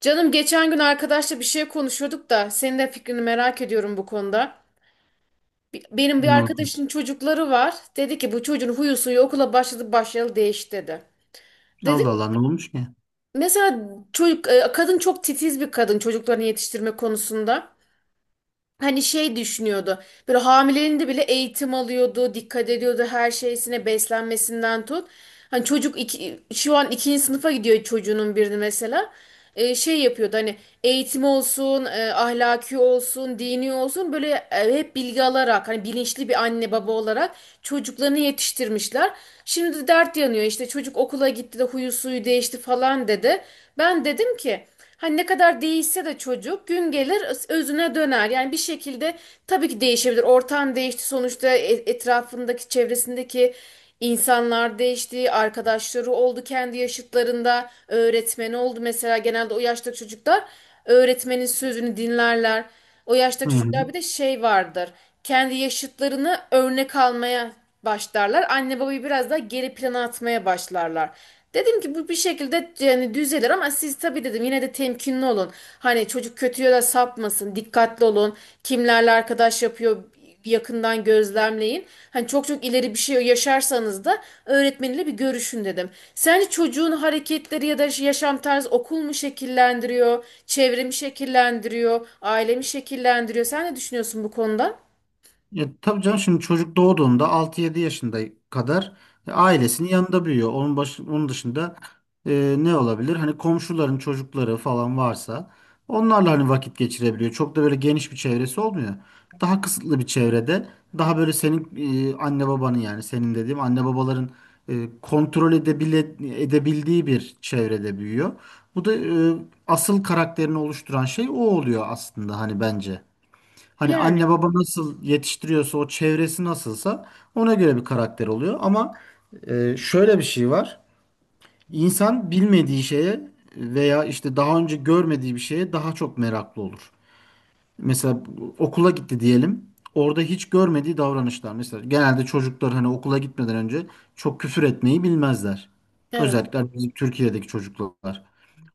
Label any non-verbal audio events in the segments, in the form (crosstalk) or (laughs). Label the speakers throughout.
Speaker 1: Canım geçen gün arkadaşla bir şey konuşuyorduk da senin de fikrini merak ediyorum bu konuda. Benim bir
Speaker 2: Ne oldu?
Speaker 1: arkadaşın çocukları var. Dedi ki bu çocuğun huyu suyu okula başladı başlayalı değişti dedi.
Speaker 2: Allah
Speaker 1: Dedim
Speaker 2: Allah ne olmuş ki?
Speaker 1: mesela çocuk kadın çok titiz bir kadın çocuklarını yetiştirme konusunda. Hani şey düşünüyordu. Böyle hamileliğinde bile eğitim alıyordu, dikkat ediyordu her şeysine, beslenmesinden tut. Hani çocuk şu an ikinci sınıfa gidiyor çocuğunun birini mesela. Şey yapıyordu hani eğitim olsun, ahlaki olsun, dini olsun böyle hep bilgi alarak hani bilinçli bir anne baba olarak çocuklarını yetiştirmişler. Şimdi de dert yanıyor işte çocuk okula gitti de huyu suyu değişti falan dedi. Ben dedim ki hani ne kadar değişse de çocuk gün gelir özüne döner. Yani bir şekilde tabii ki değişebilir. Ortam değişti sonuçta etrafındaki çevresindeki insanlar değişti. Arkadaşları oldu kendi yaşıtlarında. Öğretmeni oldu mesela genelde o yaştaki çocuklar öğretmenin sözünü dinlerler. O yaştaki
Speaker 2: Hı.
Speaker 1: çocuklar bir de şey vardır. Kendi yaşıtlarını örnek almaya başlarlar. Anne babayı biraz daha geri plana atmaya başlarlar. Dedim ki bu bir şekilde yani düzelir ama siz tabii dedim yine de temkinli olun. Hani çocuk kötü yola sapmasın, dikkatli olun. Kimlerle arkadaş yapıyor, yakından gözlemleyin. Hani çok çok ileri bir şey yaşarsanız da öğretmeniyle bir görüşün dedim. Sence çocuğun hareketleri ya da yaşam tarzı okul mu şekillendiriyor, çevre mi şekillendiriyor, aile mi şekillendiriyor? Sen ne düşünüyorsun bu konuda?
Speaker 2: Ya, tabii canım, şimdi çocuk doğduğunda altı yedi yaşında kadar ailesinin yanında büyüyor. Onun dışında ne olabilir? Hani komşuların çocukları falan varsa onlarla hani vakit geçirebiliyor. Çok da böyle geniş bir çevresi olmuyor. Daha kısıtlı bir çevrede, daha böyle senin anne babanın, yani senin dediğim anne babaların e, kontrol edebile, edebildiği bir çevrede büyüyor. Bu da e, asıl karakterini oluşturan şey o oluyor aslında hani bence. Hani
Speaker 1: Yani
Speaker 2: anne baba nasıl yetiştiriyorsa, o çevresi nasılsa ona göre bir karakter oluyor. Ama şöyle bir şey var. İnsan bilmediği şeye veya işte daha önce görmediği bir şeye daha çok meraklı olur. Mesela okula gitti diyelim. Orada hiç görmediği davranışlar. Mesela genelde çocuklar hani okula gitmeden önce çok küfür etmeyi bilmezler.
Speaker 1: evet.
Speaker 2: Özellikle bizim Türkiye'deki çocuklar.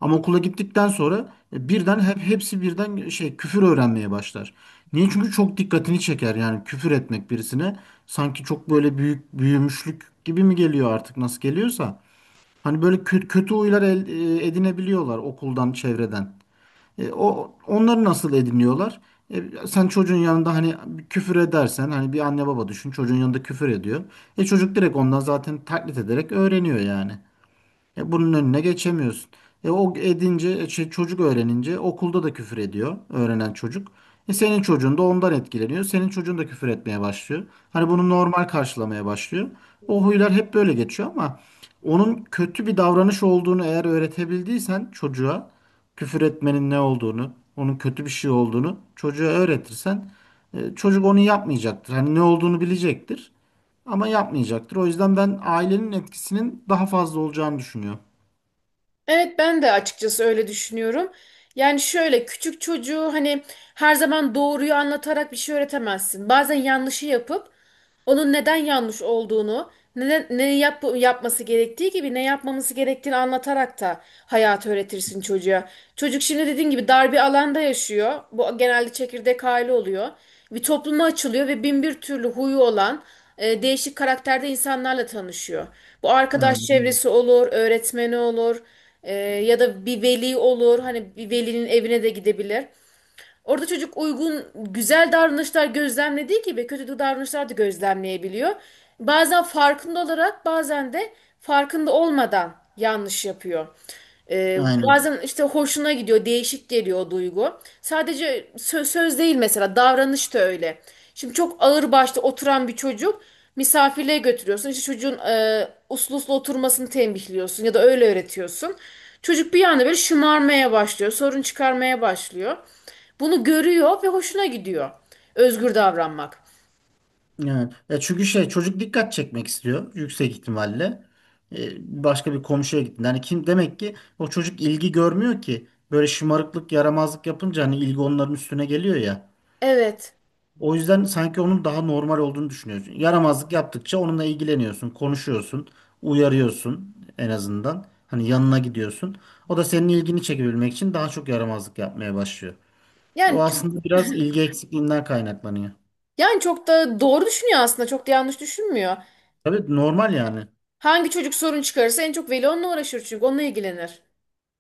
Speaker 2: Ama okula gittikten sonra birden hep hepsi birden şey küfür öğrenmeye başlar. Niye? Çünkü çok dikkatini çeker, yani küfür etmek birisine sanki çok böyle büyük büyümüşlük gibi mi geliyor, artık nasıl geliyorsa. Hani böyle kötü, kötü huylar edinebiliyorlar okuldan, çevreden. O onları nasıl ediniyorlar? Sen çocuğun yanında hani küfür edersen, hani bir anne baba düşün, çocuğun yanında küfür ediyor. Çocuk direkt ondan zaten taklit ederek öğreniyor yani. Bunun önüne geçemiyorsun. E o edince, e şey, çocuk öğrenince okulda da küfür ediyor öğrenen çocuk. Senin çocuğun da ondan etkileniyor. Senin çocuğun da küfür etmeye başlıyor. Hani bunu normal karşılamaya başlıyor. O huylar hep böyle geçiyor ama onun kötü bir davranış olduğunu eğer öğretebildiysen çocuğa, küfür etmenin ne olduğunu, onun kötü bir şey olduğunu çocuğa öğretirsen çocuk onu yapmayacaktır. Hani ne olduğunu bilecektir ama yapmayacaktır. O yüzden ben ailenin etkisinin daha fazla olacağını düşünüyorum.
Speaker 1: Evet, ben de açıkçası öyle düşünüyorum. Yani şöyle küçük çocuğu hani her zaman doğruyu anlatarak bir şey öğretemezsin. Bazen yanlışı yapıp onun neden yanlış olduğunu, yapması gerektiği gibi ne yapmaması gerektiğini anlatarak da hayatı öğretirsin çocuğa. Çocuk şimdi dediğin gibi dar bir alanda yaşıyor. Bu genelde çekirdek aile oluyor. Bir topluma açılıyor ve bin bir türlü huyu olan değişik karakterde insanlarla tanışıyor. Bu arkadaş
Speaker 2: Aynen.
Speaker 1: çevresi olur, öğretmeni olur, ya da bir veli olur. Hani bir velinin evine de gidebilir. Orada çocuk uygun, güzel davranışlar gözlemlediği gibi kötü davranışlar da gözlemleyebiliyor. Bazen farkında olarak, bazen de farkında olmadan yanlış yapıyor.
Speaker 2: Aynen.
Speaker 1: Bazen işte hoşuna gidiyor, değişik geliyor o duygu. Sadece söz değil mesela, davranış da öyle. Şimdi çok ağır başta oturan bir çocuk misafirliğe götürüyorsun. İşte çocuğun uslu uslu oturmasını tembihliyorsun ya da öyle öğretiyorsun. Çocuk bir anda böyle şımarmaya başlıyor, sorun çıkarmaya başlıyor. Bunu görüyor ve hoşuna gidiyor. Özgür davranmak.
Speaker 2: Evet. Ya çünkü şey, çocuk dikkat çekmek istiyor yüksek ihtimalle. Başka bir komşuya gittin. Yani kim demek ki, o çocuk ilgi görmüyor ki. Böyle şımarıklık, yaramazlık yapınca hani ilgi onların üstüne geliyor ya.
Speaker 1: Evet.
Speaker 2: O yüzden sanki onun daha normal olduğunu düşünüyorsun. Yaramazlık yaptıkça onunla ilgileniyorsun, konuşuyorsun, uyarıyorsun en azından. Hani yanına gidiyorsun. O da senin ilgini çekebilmek için daha çok yaramazlık yapmaya başlıyor.
Speaker 1: Yani
Speaker 2: O
Speaker 1: çok
Speaker 2: aslında biraz ilgi eksikliğinden kaynaklanıyor.
Speaker 1: Yani çok da doğru düşünüyor aslında. Çok da yanlış düşünmüyor.
Speaker 2: Tabii, normal yani.
Speaker 1: Hangi çocuk sorun çıkarırsa en çok veli onunla uğraşır çünkü onunla ilgilenir.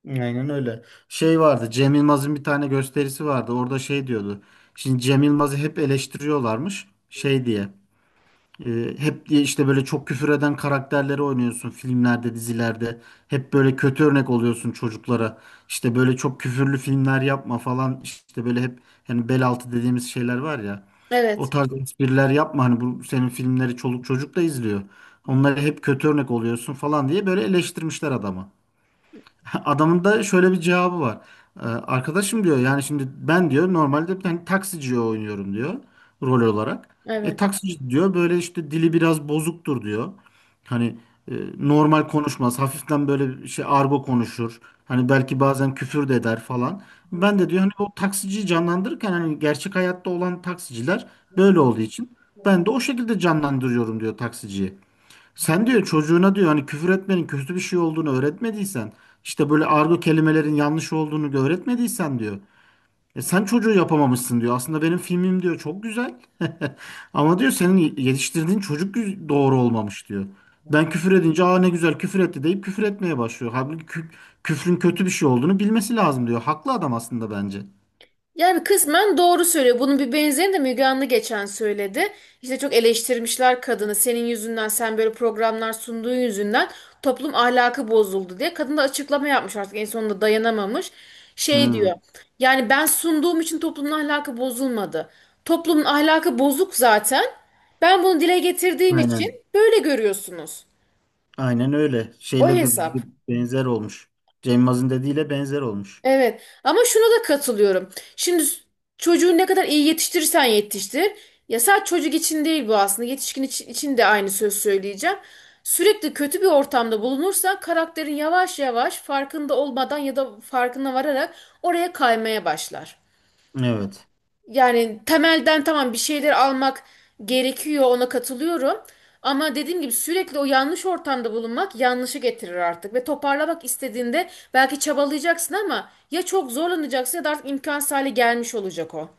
Speaker 2: Aynen öyle. Şey vardı, Cem Yılmaz'ın bir tane gösterisi vardı. Orada şey diyordu. Şimdi Cem Yılmaz'ı hep eleştiriyorlarmış. Şey diye, hep diye işte böyle çok küfür eden karakterleri oynuyorsun filmlerde, dizilerde. Hep böyle kötü örnek oluyorsun çocuklara. İşte böyle çok küfürlü filmler yapma falan. İşte böyle hep hani bel altı dediğimiz şeyler var ya. O
Speaker 1: Evet,
Speaker 2: tarz espriler yapma. Hani bu senin filmleri çoluk çocuk da izliyor. Onlara hep kötü örnek oluyorsun falan diye böyle eleştirmişler adamı. (laughs) Adamın da şöyle bir cevabı var. Arkadaşım diyor, yani şimdi ben diyor normalde ben taksiciye oynuyorum diyor rol olarak. E
Speaker 1: evet.
Speaker 2: taksici diyor böyle işte dili biraz bozuktur diyor. Hani normal konuşmaz. Hafiften böyle bir şey argo konuşur. Hani belki bazen küfür de eder falan. Ben de diyor hani o taksiciyi canlandırırken hani gerçek hayatta olan taksiciler böyle olduğu için ben de o şekilde canlandırıyorum diyor taksiciyi. Sen diyor çocuğuna diyor hani küfür etmenin kötü bir şey olduğunu öğretmediysen, işte böyle argo kelimelerin yanlış olduğunu da öğretmediysen diyor. E sen çocuğu yapamamışsın diyor. Aslında benim filmim diyor çok güzel. (laughs) Ama diyor senin yetiştirdiğin çocuk doğru olmamış diyor. Ben küfür edince aa ne güzel küfür etti deyip küfür etmeye başlıyor. Halbuki küfrün kötü bir şey olduğunu bilmesi lazım diyor. Haklı adam aslında bence.
Speaker 1: Yani kısmen doğru söylüyor. Bunun bir benzerini de Müge Anlı geçen söyledi. İşte çok eleştirmişler kadını. Senin yüzünden, sen böyle programlar sunduğun yüzünden toplum ahlakı bozuldu diye. Kadın da açıklama yapmış artık en sonunda dayanamamış. Şey diyor.
Speaker 2: Hmm,
Speaker 1: Yani ben sunduğum için toplumun ahlakı bozulmadı. Toplumun ahlakı bozuk zaten. Ben bunu dile getirdiğim için
Speaker 2: aynen.
Speaker 1: böyle görüyorsunuz.
Speaker 2: Aynen öyle.
Speaker 1: O
Speaker 2: Şeyle bir
Speaker 1: hesap.
Speaker 2: benzer olmuş. Cem Yılmaz'ın dediğiyle benzer olmuş.
Speaker 1: Evet ama şuna da katılıyorum. Şimdi çocuğu ne kadar iyi yetiştirirsen yetiştir. Ya sadece çocuk için değil bu aslında. Yetişkin için de aynı söz söyleyeceğim. Sürekli kötü bir ortamda bulunursan karakterin yavaş yavaş farkında olmadan ya da farkına vararak oraya kaymaya başlar.
Speaker 2: Evet.
Speaker 1: Yani temelden tamam bir şeyler almak gerekiyor, ona katılıyorum. Ama dediğim gibi sürekli o yanlış ortamda bulunmak yanlışı getirir artık. Ve toparlamak istediğinde belki çabalayacaksın ama ya çok zorlanacaksın ya da artık imkansız hale gelmiş olacak o.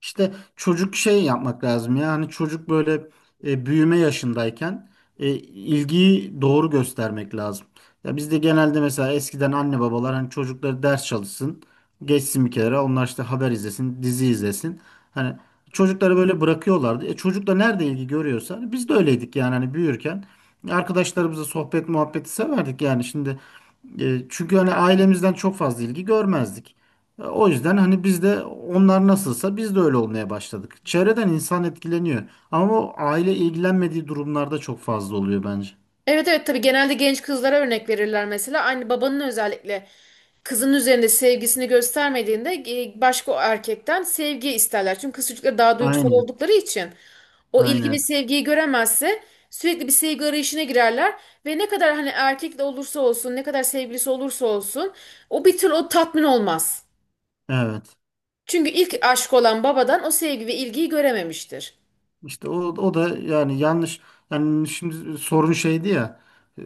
Speaker 2: İşte çocuk şey yapmak lazım ya, hani çocuk böyle büyüme yaşındayken ilgiyi doğru göstermek lazım. Ya bizde genelde mesela eskiden anne babalar hani çocukları ders çalışsın, geçsin bir kenara, onlar işte haber izlesin, dizi izlesin. Hani çocukları böyle bırakıyorlardı. E, çocuk da nerede ilgi görüyorsa hani, biz de öyleydik yani, hani büyürken arkadaşlarımızla sohbet muhabbeti severdik yani şimdi çünkü hani ailemizden çok fazla ilgi görmezdik. E, o yüzden hani biz de onlar nasılsa biz de öyle olmaya başladık. Çevreden insan etkileniyor. Ama o aile ilgilenmediği durumlarda çok fazla oluyor bence.
Speaker 1: Evet, evet, tabii genelde genç kızlara örnek verirler mesela. Aynı babanın özellikle kızın üzerinde sevgisini göstermediğinde başka o erkekten sevgi isterler. Çünkü kız çocukları daha duygusal
Speaker 2: Aynen.
Speaker 1: oldukları için o ilgi ve
Speaker 2: Aynen.
Speaker 1: sevgiyi göremezse sürekli bir sevgi arayışına girerler ve ne kadar hani erkek de olursa olsun, ne kadar sevgilisi olursa olsun o bir türlü o tatmin olmaz.
Speaker 2: Evet.
Speaker 1: Çünkü ilk aşk olan babadan o sevgi ve ilgiyi görememiştir.
Speaker 2: İşte o da yani yanlış, yani şimdi sorun şeydi ya, e,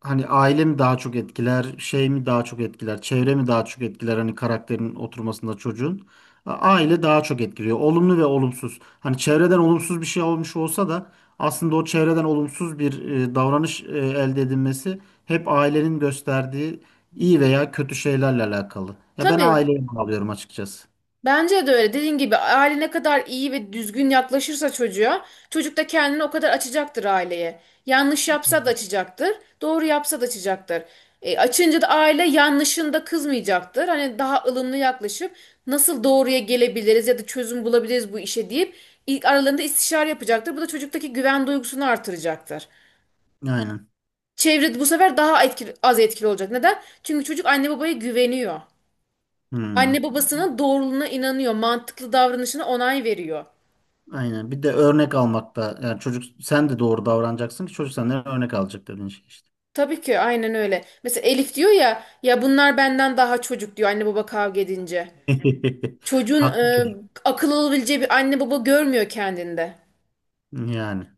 Speaker 2: hani aile mi daha çok etkiler, şey mi daha çok etkiler, çevre mi daha çok etkiler hani karakterin oturmasında çocuğun. Aile daha çok etkiliyor, olumlu ve olumsuz. Hani çevreden olumsuz bir şey olmuş olsa da aslında o çevreden olumsuz bir davranış elde edilmesi hep ailenin gösterdiği iyi veya kötü şeylerle alakalı ya, ben
Speaker 1: Tabii.
Speaker 2: aileye bağlıyorum açıkçası.
Speaker 1: Bence de öyle. Dediğin gibi aile ne kadar iyi ve düzgün yaklaşırsa çocuğa, çocuk da kendini o kadar açacaktır aileye. Yanlış yapsa da açacaktır, doğru yapsa da açacaktır. Açınca da aile yanlışında kızmayacaktır. Hani daha ılımlı yaklaşıp nasıl doğruya gelebiliriz ya da çözüm bulabiliriz bu işe deyip ilk aralarında istişare yapacaktır. Bu da çocuktaki güven duygusunu artıracaktır.
Speaker 2: Aynen.
Speaker 1: Çevre bu sefer daha etkili, az etkili olacak. Neden? Çünkü çocuk anne babaya güveniyor. Anne
Speaker 2: Hmm.
Speaker 1: babasının doğruluğuna inanıyor. Mantıklı davranışına onay veriyor.
Speaker 2: Aynen. Bir de örnek almakta. Yani çocuk, sen de doğru davranacaksın ki çocuk senden örnek alacak, dediğin şey işte.
Speaker 1: Tabii ki aynen öyle. Mesela Elif diyor ya ya bunlar benden daha çocuk diyor anne baba kavga edince.
Speaker 2: (laughs)
Speaker 1: Çocuğun
Speaker 2: Haklı çocuk.
Speaker 1: akıl olabileceği bir anne baba görmüyor kendinde.
Speaker 2: Yani.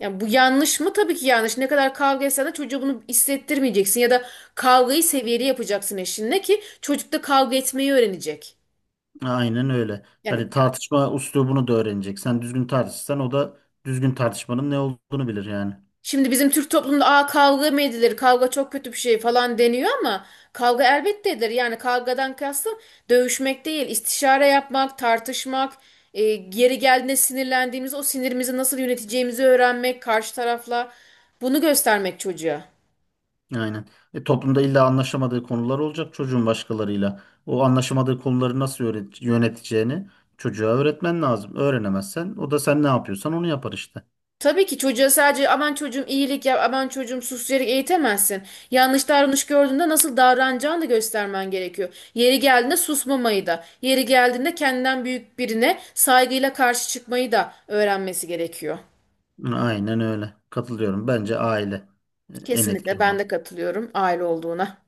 Speaker 1: Yani bu yanlış mı? Tabii ki yanlış. Ne kadar kavga etsen de çocuğa bunu hissettirmeyeceksin ya da kavgayı seviyeli yapacaksın eşinle ki çocuk da kavga etmeyi öğrenecek.
Speaker 2: Aynen öyle.
Speaker 1: Yani
Speaker 2: Hani tartışma üslubunu da öğrenecek. Sen düzgün tartışırsan o da düzgün tartışmanın ne olduğunu bilir yani.
Speaker 1: şimdi bizim Türk toplumunda aa kavga mı edilir? Kavga çok kötü bir şey falan deniyor ama kavga elbette edilir. Yani kavgadan kastım dövüşmek değil, istişare yapmak, tartışmak, e, yeri geldiğinde sinirlendiğimiz o sinirimizi nasıl yöneteceğimizi öğrenmek karşı tarafla bunu göstermek çocuğa.
Speaker 2: Aynen. E, toplumda illa anlaşamadığı konular olacak çocuğun başkalarıyla. O anlaşamadığı konuları nasıl yöneteceğini çocuğa öğretmen lazım. Öğrenemezsen o da sen ne yapıyorsan onu yapar işte.
Speaker 1: Tabii ki çocuğa sadece aman çocuğum iyilik yap, aman çocuğum sus diyerek eğitemezsin. Yanlış davranış gördüğünde nasıl davranacağını da göstermen gerekiyor. Yeri geldiğinde susmamayı da, yeri geldiğinde kendinden büyük birine saygıyla karşı çıkmayı da öğrenmesi gerekiyor.
Speaker 2: Aynen öyle. Katılıyorum. Bence aile en
Speaker 1: Kesinlikle
Speaker 2: etkili.
Speaker 1: ben de katılıyorum aile olduğuna.